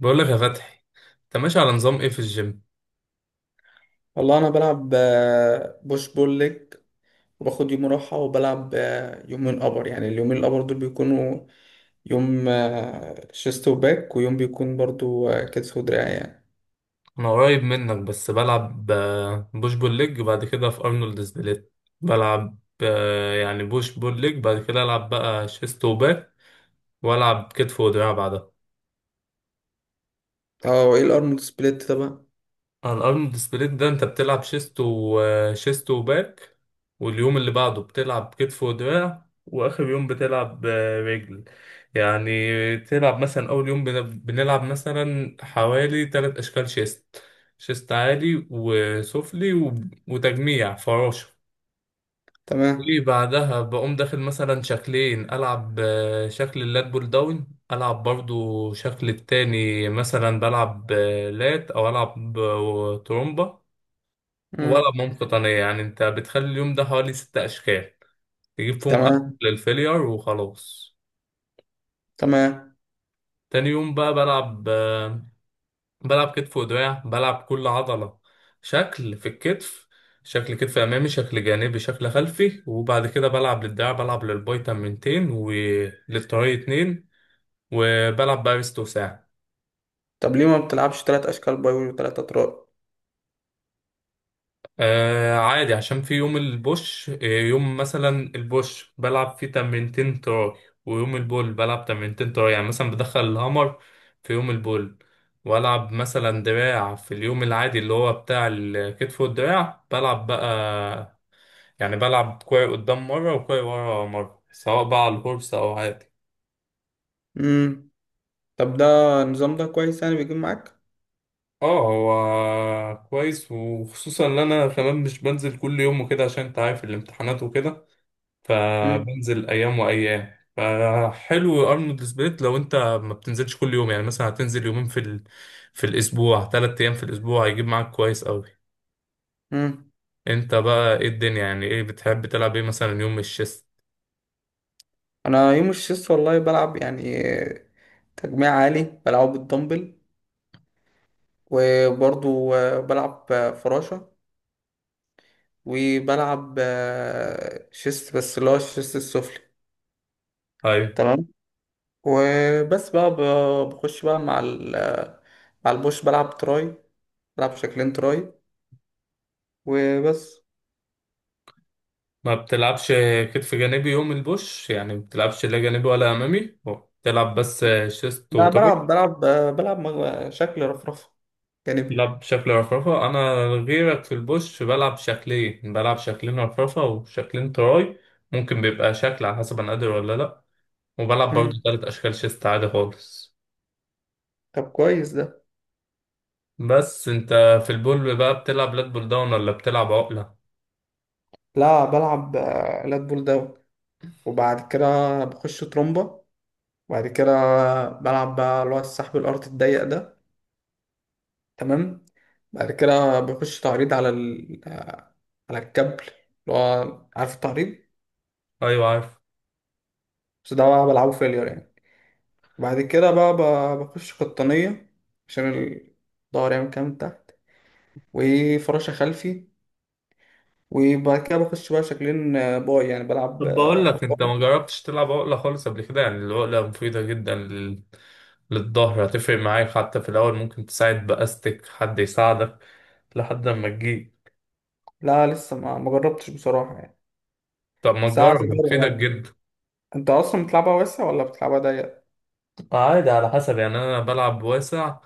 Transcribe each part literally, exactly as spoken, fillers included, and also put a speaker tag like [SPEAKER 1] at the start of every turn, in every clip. [SPEAKER 1] بقول لك يا فتحي، انت ماشي على نظام ايه في الجيم؟
[SPEAKER 2] والله انا بلعب آه، بوش بول ليج، وباخد يوم راحه وبلعب آه، يومين ابر. يعني اليومين الابر دول بيكونوا يوم آه، شيست وباك، ويوم بيكون برضو آه، كتف ودراع يعني.
[SPEAKER 1] انا قريب منك بس بلعب آه، بوش بول ليج وبعد كده في ارنولد سبليت. بلعب آه، يعني بوش بول ليج، بعد كده العب بقى شيست وباك، والعب كتف ودراع بعدها.
[SPEAKER 2] اه، وايه الارنولد سبليت طبعا؟
[SPEAKER 1] على الارنولد سبليت ده انت بتلعب شيست وشيست وباك، واليوم اللي بعده بتلعب كتف ودراع، واخر يوم بتلعب آه، رجل. يعني تلعب مثلا اول يوم بن- بنلعب مثلا حوالي تلات اشكال شيست: شيست عالي وسفلي و- وتجميع فراشة.
[SPEAKER 2] تمام.
[SPEAKER 1] وبعدها بقوم داخل مثلا شكلين، العب آه، شكل اللات بول داون، العب برضو شكل التاني، مثلا بلعب آه، لات، او العب آه، ترومبا،
[SPEAKER 2] مم.
[SPEAKER 1] ولا بمام قطنية. يعني انت بتخلي اليوم ده حوالي ست اشكال تجيب فيهم اكل
[SPEAKER 2] تمام،
[SPEAKER 1] للفيلير وخلاص.
[SPEAKER 2] تمام.
[SPEAKER 1] تاني يوم بقى بلعب آه، بلعب كتف ودراع، بلعب كل عضلة شكل. في الكتف شكل كتف امامي، شكل جانبي، شكل خلفي، وبعد كده بلعب للدراع، بلعب للباي تمرينتين وللتراي اتنين، وبلعب بقى ريست وساعد.
[SPEAKER 2] طب ليه ما بتلعبش تلات اشكال باي وتلات اطراء؟
[SPEAKER 1] آه عادي، عشان في يوم البوش، آه، يوم مثلا البوش بلعب فيه تمرينتين تراي، ويوم البول بلعب تمرينتين تراي. يعني مثلا بدخل الهامر في يوم البول، والعب مثلا دراع في اليوم العادي اللي هو بتاع الكتف والدراع. بلعب بقى يعني بلعب كوعي قدام مرة وكوعي ورا مرة، سواء بقى على الهورس أو عادي.
[SPEAKER 2] امم. طب ده، النظام ده كويس يعني، بيجيب معاك؟
[SPEAKER 1] اه، هو كويس، وخصوصا ان انا كمان مش بنزل كل يوم وكده عشان انت عارف الامتحانات وكده.
[SPEAKER 2] امم.
[SPEAKER 1] فبنزل ايام وايام، فحلو ارنولد سبليت لو انت ما بتنزلش كل يوم. يعني مثلا هتنزل يومين في ال... في الاسبوع، ثلاث ايام في الاسبوع، هيجيب معاك كويس قوي.
[SPEAKER 2] امم.
[SPEAKER 1] انت بقى ايه الدنيا؟ يعني ايه بتحب تلعب ايه مثلا يوم الشيست؟
[SPEAKER 2] انا يوم الشيست والله بلعب يعني آه، تجميع عالي بلعبه بالدمبل. وبرضو آه، بلعب آه، فراشة. وبلعب آه، شيست، بس اللي هو الشيست السفلي.
[SPEAKER 1] ايوه.
[SPEAKER 2] تمام. وبس بقى، ب- بخش بقى مع ال آه، مع البوش، بلعب تراي، بلعب شكلين تراي وبس.
[SPEAKER 1] ما بتلعبش كتف جانبي يوم البوش؟ يعني ما بتلعبش لا جانبي ولا امامي، بتلعب بس شيست
[SPEAKER 2] أنا بلعب
[SPEAKER 1] وتراي؟
[SPEAKER 2] بلعب آه، بلعب مج- شكل رفرفة
[SPEAKER 1] لا،
[SPEAKER 2] جانبي.
[SPEAKER 1] بشكل رفرفة أنا غيرك، في البوش بلعب شكلين، بلعب شكلين رفرفة وشكلين تراي. ممكن بيبقى شكل على حسب أنا قادر ولا لأ. وبلعب برضه
[SPEAKER 2] مم.
[SPEAKER 1] تلات أشكال شيست عادي خالص.
[SPEAKER 2] طب كويس ده.
[SPEAKER 1] بس أنت في البول بقى بتلعب لات بول داون ولا بتلعب عقلة؟
[SPEAKER 2] لا، بلعب آه، لات بول داون. وبعد كده بخش ترومبا. وبعد كده بلعب بقى اللي هو السحب الأرض الضيق ده. تمام. بعد كده بيخش تعريض على ال... على الكابل، اللي هو عارف، التعريض.
[SPEAKER 1] أيوة عارف.
[SPEAKER 2] بس ده بقى بلعبه فيلير يعني. بعد كده بقى، ب- بخش قطنية، عشان الظهر يعمل كام من تحت، وفراشة خلفي. وبعد كده بخش بقى شكلين آه، باي، يعني بلعب
[SPEAKER 1] طب
[SPEAKER 2] آه،
[SPEAKER 1] بقول لك، أنت ما
[SPEAKER 2] حصان.
[SPEAKER 1] جربتش تلعب عقلة خالص قبل كده؟ يعني العقلة مفيدة جدا لل... للظهر، هتفرق معاك. حتى في الأول ممكن تساعد بأستك، حد يساعدك لحد ما تجيب.
[SPEAKER 2] لا، لسه ما ما جربتش بصراحة يعني.
[SPEAKER 1] طب ما
[SPEAKER 2] ساعة
[SPEAKER 1] تجرب،
[SPEAKER 2] أجرب
[SPEAKER 1] مفيدة
[SPEAKER 2] يعني.
[SPEAKER 1] جدا.
[SPEAKER 2] أنت أصلا بتلعبها واسع ولا بتلعبها ضيق؟
[SPEAKER 1] عادي على حسب. يعني انا بلعب واسع.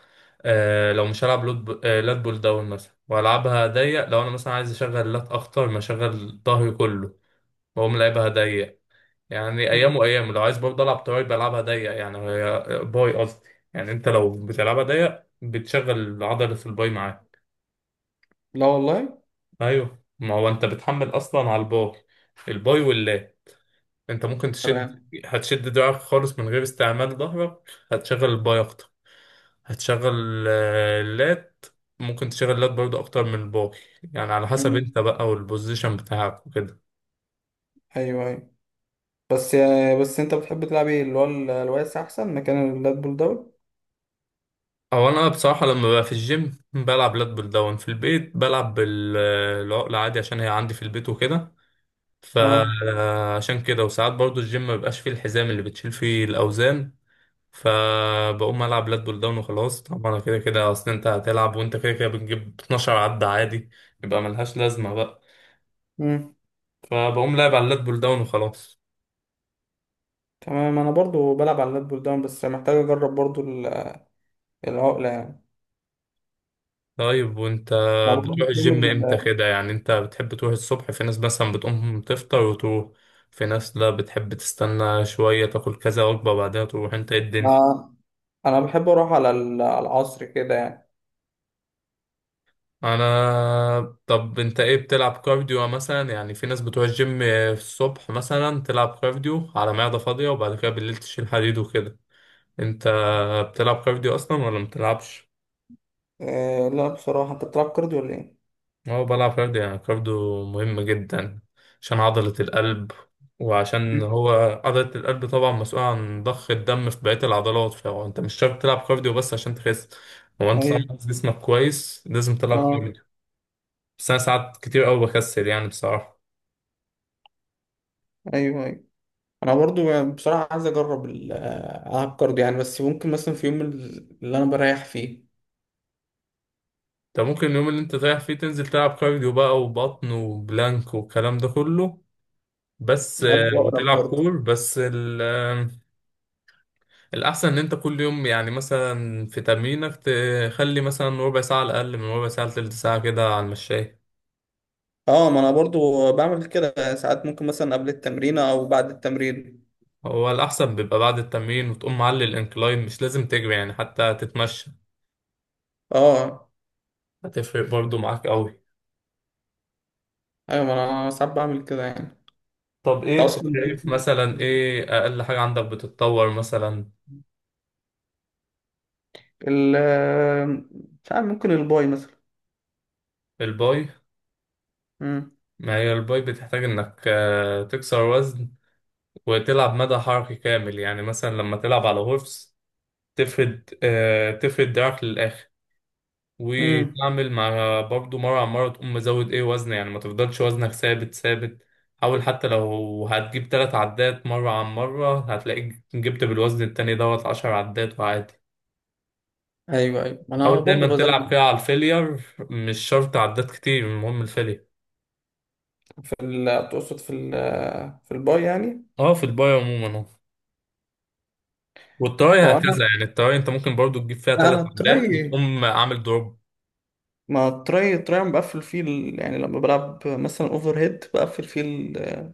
[SPEAKER 1] آه، لو مش هلعب لود ب... آه لات بول داون مثلا والعبها ضيق، لو انا مثلا عايز اشغل لات اكتر، ما اشغل ظهري كله، بقوم لعبها ضيق. يعني
[SPEAKER 2] مم.
[SPEAKER 1] ايام وايام لو عايز برضه العب تراي بلعبها ضيق. يعني هي- باي قصدي. يعني انت لو بتلعبها ضيق بتشغل عضلة الباي معاك.
[SPEAKER 2] لا والله.
[SPEAKER 1] ايوه، ما هو انت بتحمل اصلا على الباي، الباي واللات. انت ممكن تشد،
[SPEAKER 2] تمام.
[SPEAKER 1] هتشد دراعك خالص من غير استعمال ظهرك، هتشغل الباي اكتر، هتشغل آه، اللات. ممكن تشغل اللات برضه اكتر من الباقي. يعني على حسب
[SPEAKER 2] مم.
[SPEAKER 1] انت بقى والبوزيشن بتاعك وكده.
[SPEAKER 2] أيوه، أيوه. بس يعني بس انت بتحب تلعب ايه؟ اللي هو ال- الواسع احسن، مكان اللات بول داون.
[SPEAKER 1] او انا بصراحه لما ببقى في الجيم بلعب لات بول داون، في البيت بلعب بالعقله عادي عشان هي عندي في البيت وكده.
[SPEAKER 2] اه.
[SPEAKER 1] فعشان كده، وساعات برضه الجيم ما بيبقاش فيه الحزام اللي بتشيل فيه الاوزان، فبقوم العب لات بول داون وخلاص. طبعا كده كده اصل انت هتلعب، وانت كده كده بتجيب اتناشر عدة عادي، يبقى ملهاش لازمه بقى،
[SPEAKER 2] امم.
[SPEAKER 1] فبقوم لاعب على اللات بول داون وخلاص.
[SPEAKER 2] تمام. انا برضو بلعب على اللات بول داون، بس محتاج اجرب برضو ال- العقله يعني.
[SPEAKER 1] طيب وانت
[SPEAKER 2] انا برضو
[SPEAKER 1] بتروح
[SPEAKER 2] في يوم
[SPEAKER 1] الجيم امتى
[SPEAKER 2] ال-
[SPEAKER 1] كده؟ يعني انت بتحب تروح الصبح؟ في ناس مثلا بتقوم تفطر وتروح، في ناس لا، بتحب تستنى شوية تاكل كذا وجبة وبعدها تروح. انت ايه الدنيا؟
[SPEAKER 2] انا انا بحب اروح على ال- على العصر كده يعني.
[SPEAKER 1] انا طب انت ايه، بتلعب كارديو مثلا؟ يعني في ناس بتروح الجيم الصبح مثلا تلعب كارديو على معدة فاضية، وبعد كده بالليل تشيل حديد وكده. انت بتلعب كارديو اصلا ولا متلعبش؟
[SPEAKER 2] آه لا، بصراحه، انت بتلعب كارديو ولا ايه؟
[SPEAKER 1] هو بلعب كارديو. يعني كارديو مهم جدا عشان عضلة القلب، وعشان
[SPEAKER 2] مم.
[SPEAKER 1] هو عضلة القلب طبعا مسؤولة عن ضخ الدم في بقية العضلات. فهو انت مش شرط تلعب كارديو بس عشان تخس، هو انت طالما
[SPEAKER 2] ايوه.
[SPEAKER 1] عايز جسمك كويس لازم تلعب
[SPEAKER 2] اه.
[SPEAKER 1] كارديو. بس انا ساعات كتير قوي بكسل يعني بصراحة.
[SPEAKER 2] ايوه، ايوه. انا برضو يعني بصراحه عايز اجرب ال- آه، العب كارديو يعني، بس ممكن مثلا في يوم ال- اللي انا بريح فيه.
[SPEAKER 1] انت ممكن اليوم اللي انت رايح فيه تنزل تلعب كارديو بقى، وبطن، وبلانك، والكلام ده كله. بس
[SPEAKER 2] وانا
[SPEAKER 1] آه،
[SPEAKER 2] بقرا
[SPEAKER 1] وتلعب
[SPEAKER 2] برضو.
[SPEAKER 1] كور بس. الأحسن إن أنت كل يوم يعني مثلا في تمرينك تخلي مثلا ربع ساعة على الأقل، من ربع ساعة لتلت ساعة كده على المشاية.
[SPEAKER 2] اه، ما انا برضو بعمل كده ساعات، ممكن مثلا قبل التمرين او بعد التمرين.
[SPEAKER 1] هو الأحسن بيبقى بعد التمرين، وتقوم معلي الإنكلاين، مش لازم تجري يعني، حتى تتمشى
[SPEAKER 2] اه،
[SPEAKER 1] هتفرق برضو معاك أوي.
[SPEAKER 2] ايوه، ما انا ساعات بعمل كده يعني.
[SPEAKER 1] طب
[SPEAKER 2] انت
[SPEAKER 1] إيه أنت
[SPEAKER 2] اصلا
[SPEAKER 1] شايف مثلا إيه أقل حاجة عندك بتتطور مثلا؟
[SPEAKER 2] ال مش عارف، ممكن الباي مثلا.
[SPEAKER 1] الباي؟
[SPEAKER 2] امم.
[SPEAKER 1] ما هي الباي بتحتاج إنك آه، تكسر وزن وتلعب مدى حركي كامل. يعني مثلا لما تلعب على هورس تفرد آه، تفرد دراعك للآخر
[SPEAKER 2] امم.
[SPEAKER 1] وتعمل مع برضه مرة على مرة تقوم مزود ايه وزن. يعني ما تفضلش وزنك ثابت ثابت. حاول، حتى لو هتجيب تلات عدات مرة عن مرة هتلاقيك جبت بالوزن التاني دوت عشر عدات وعادي.
[SPEAKER 2] ايوه، ايوه. ما انا
[SPEAKER 1] حاول دايما
[SPEAKER 2] برضو
[SPEAKER 1] تلعب
[SPEAKER 2] بزود.
[SPEAKER 1] فيها على الفيلير، مش شرط عدات كتير، المهم الفيلير.
[SPEAKER 2] في ال تقصد في ال في الباي يعني؟
[SPEAKER 1] اه، في الباي عموما اه. والتراي
[SPEAKER 2] هو انا
[SPEAKER 1] هكذا، يعني التراي انت ممكن برضو تجيب فيها
[SPEAKER 2] لا، انا
[SPEAKER 1] تلات عدات
[SPEAKER 2] التراي،
[SPEAKER 1] وتقوم عامل دروب.
[SPEAKER 2] ما التراي، التراي أنا بقفل فيه ال... يعني لما بلعب مثلا اوفر هيد، بقفل فيه ال...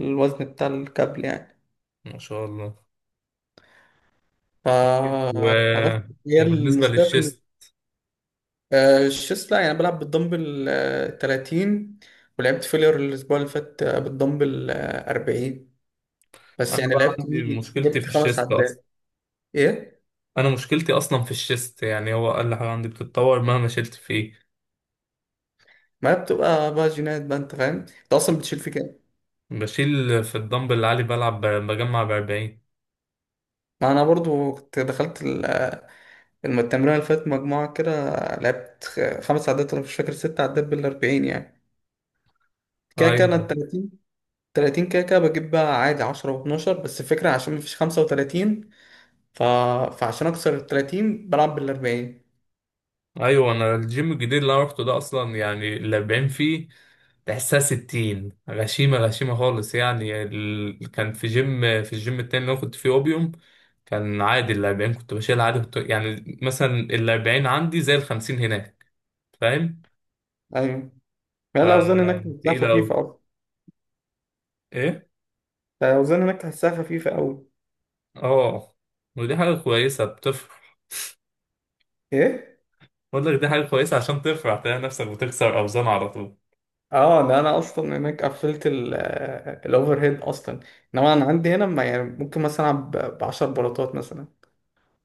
[SPEAKER 2] الوزن بتاع الكابل يعني.
[SPEAKER 1] ما شاء الله.
[SPEAKER 2] ف...
[SPEAKER 1] و...
[SPEAKER 2] فبس، هي
[SPEAKER 1] وبالنسبة
[SPEAKER 2] المشكلة.
[SPEAKER 1] للشيست،
[SPEAKER 2] آه، الشيست، لا يعني بلعب بالدمبل آه، تلاتين. ولعبت فيلير الأسبوع اللي فات آه، بالدمبل آه، اربعين، بس
[SPEAKER 1] انا
[SPEAKER 2] يعني
[SPEAKER 1] بقى
[SPEAKER 2] لعبت
[SPEAKER 1] عندي
[SPEAKER 2] بيه
[SPEAKER 1] مشكلتي في
[SPEAKER 2] جبت خمس
[SPEAKER 1] الشيست اصلا.
[SPEAKER 2] عدات إيه؟
[SPEAKER 1] انا مشكلتي اصلا في الشيست، يعني هو اقل حاجه عندي بتتطور مهما شلت فيه.
[SPEAKER 2] ما هي بتبقى بقى جينات بقى، أنت فاهم؟ أنت أصلا بتشيل في كام؟
[SPEAKER 1] بشيل في الدمبل العالي، بلعب ب- بجمع ب أربعين.
[SPEAKER 2] ما أنا برضو كنت دخلت ال- آه، الم- التمرين اللي فات مجموعة كده. لعبت خ- خمس عدات، أنا مش فاكر، ست عدات بال اربعين يعني. كده كده
[SPEAKER 1] ايوه
[SPEAKER 2] أنا ال تلاتين، تلاتين كده كده بجيب بقى عادي عشرة و12، بس الفكرة عشان مفيش خمسة وتلاتين. ف... فعشان أكسر ال ثلاثين بلعب بال اربعين.
[SPEAKER 1] ايوه. انا الجيم الجديد اللي انا روحته ده اصلا، يعني ال أربعين فيه تحسها ستين، غشيمه غشيمه خالص. يعني ال... كان في جيم، في الجيم التاني اللي انا كنت فيه اوبيوم، كان عادي ال أربعين كنت بشيل عادي. كنت يعني مثلا ال أربعين عندي زي ال خمسين هناك، فاهم؟
[SPEAKER 2] ايوه،
[SPEAKER 1] ف
[SPEAKER 2] يعني الاوزان هناك تحسها
[SPEAKER 1] تقيله قوي.
[SPEAKER 2] خفيفه اصلا.
[SPEAKER 1] ايه
[SPEAKER 2] الاوزان هناك تحسها خفيفه قوي.
[SPEAKER 1] اه. ودي حاجه كويسه بتفرح.
[SPEAKER 2] ايه.
[SPEAKER 1] بقول لك دي حاجة كويسة، عشان ترفع تلاقي نفسك بتكسر أوزان على طول.
[SPEAKER 2] اه، ده انا اصلا هناك قفلت الاوفر هيد اصلا. انما انا عندي هنا، ما يعني ممكن مثلا العب ب عشرة بلاطات مثلا.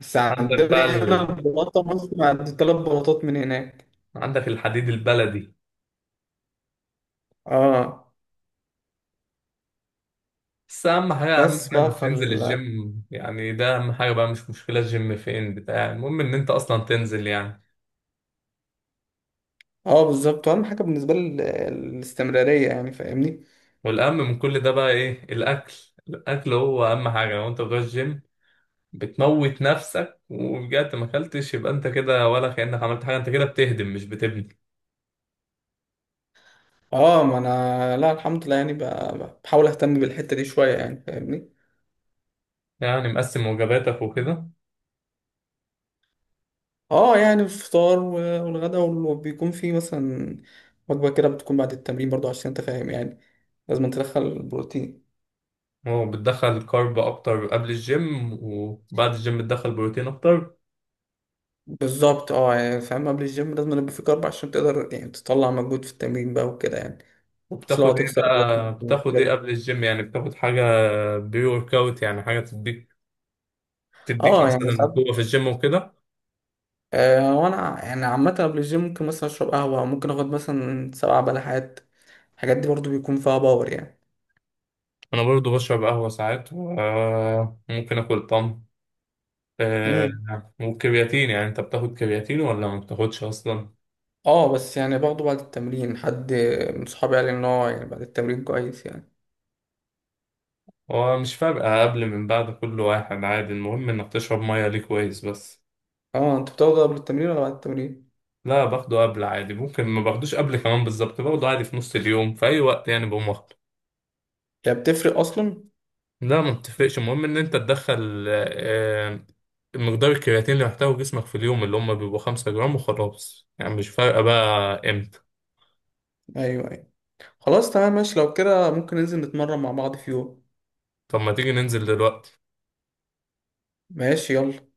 [SPEAKER 2] بس
[SPEAKER 1] عندك
[SPEAKER 2] عندنا
[SPEAKER 1] بقى
[SPEAKER 2] هنا
[SPEAKER 1] ال...
[SPEAKER 2] البلاطه مثلا عند ثلاث بلاطات من هناك.
[SPEAKER 1] عندك الحديد البلدي.
[SPEAKER 2] اه،
[SPEAKER 1] بس أهم حاجة، أهم
[SPEAKER 2] بس
[SPEAKER 1] حاجة
[SPEAKER 2] بقى
[SPEAKER 1] إنك تنزل
[SPEAKER 2] فال...
[SPEAKER 1] الجيم. يعني ده أهم حاجة بقى، مش مشكلة الجيم فين بتاع، المهم إن أنت أصلا تنزل يعني.
[SPEAKER 2] اه، بالظبط، اهم حاجه بالنسبه لي ال- الاستمراريه يعني، فاهمني.
[SPEAKER 1] والأهم من كل ده بقى إيه؟ الأكل. الأكل هو أهم حاجة، لو أنت بتروح الجيم بتموت نفسك ورجعت ما أكلتش، يبقى أنت كده ولا كأنك عملت حاجة، أنت كده بتهدم مش بتبني.
[SPEAKER 2] اه، ما انا، لا الحمد لله يعني، ب- بحاول اهتم بالحته دي شويه يعني، فاهمني.
[SPEAKER 1] يعني مقسم وجباتك وكده.
[SPEAKER 2] اه يعني، الفطار و- والغدا وال- وبيكون في مثلا وجبة كده بتكون بعد التمرين برضو، عشان انت فاهم يعني، لازم تدخل البروتين.
[SPEAKER 1] وبتدخل كارب اكتر قبل الجيم، وبعد الجيم بتدخل بروتين اكتر.
[SPEAKER 2] بالظبط، اه يعني فاهم، قبل الجيم لازم يبقى في كارب، عشان تقدر يعني تطلع مجهود في التمرين بقى وكده يعني. مش
[SPEAKER 1] وبتاخد
[SPEAKER 2] لو
[SPEAKER 1] ايه
[SPEAKER 2] هتكسر عضلات
[SPEAKER 1] بقى، بتاخد ايه
[SPEAKER 2] كده.
[SPEAKER 1] قبل الجيم؟ يعني بتاخد حاجه بري ورك اوت، يعني حاجه تديك، تديك
[SPEAKER 2] اه يعني
[SPEAKER 1] مثلا
[SPEAKER 2] ساعات.
[SPEAKER 1] قوه في الجيم وكده.
[SPEAKER 2] آه وانا يعني عامة قبل الجيم ممكن مثلا اشرب قهوة، ممكن اخد مثلا سبع بلحات. الحاجات دي برضو بيكون فيها باور يعني.
[SPEAKER 1] انا برضو بشرب قهوه ساعات وممكن اكل طن.
[SPEAKER 2] مم.
[SPEAKER 1] آه، والكرياتين يعني، انت بتاخد كرياتين ولا ما بتاخدش اصلا؟
[SPEAKER 2] اه، بس يعني باخده بعد التمرين. حد من صحابي قال لي ان هو يعني بعد التمرين كويس يعني.
[SPEAKER 1] هو مش فارقه قبل من بعد، كل واحد عادي، المهم انك تشرب ميه ليه كويس بس.
[SPEAKER 2] اه، انت بتاخده قبل التمرين ولا بعد التمرين؟
[SPEAKER 1] لا، باخده قبل عادي، ممكن ما باخدوش قبل كمان بالظبط، باخده عادي في نص اليوم في اي وقت، يعني بقوم واخده.
[SPEAKER 2] هي بتفرق اصلا؟
[SPEAKER 1] لا ما بتفرقش، المهم ان انت تدخل آه، مقدار الكرياتين اللي محتاجه جسمك في اليوم، اللي هم بيبقوا خمسة جرام وخلاص، يعني مش فارقة بقى امتى.
[SPEAKER 2] ايوه، ايوه. خلاص، تمام، ماشي. لو كده ممكن ننزل نتمرن مع بعض في يوم.
[SPEAKER 1] طب ما تيجي ننزل دلوقتي.
[SPEAKER 2] ماشي، يلا.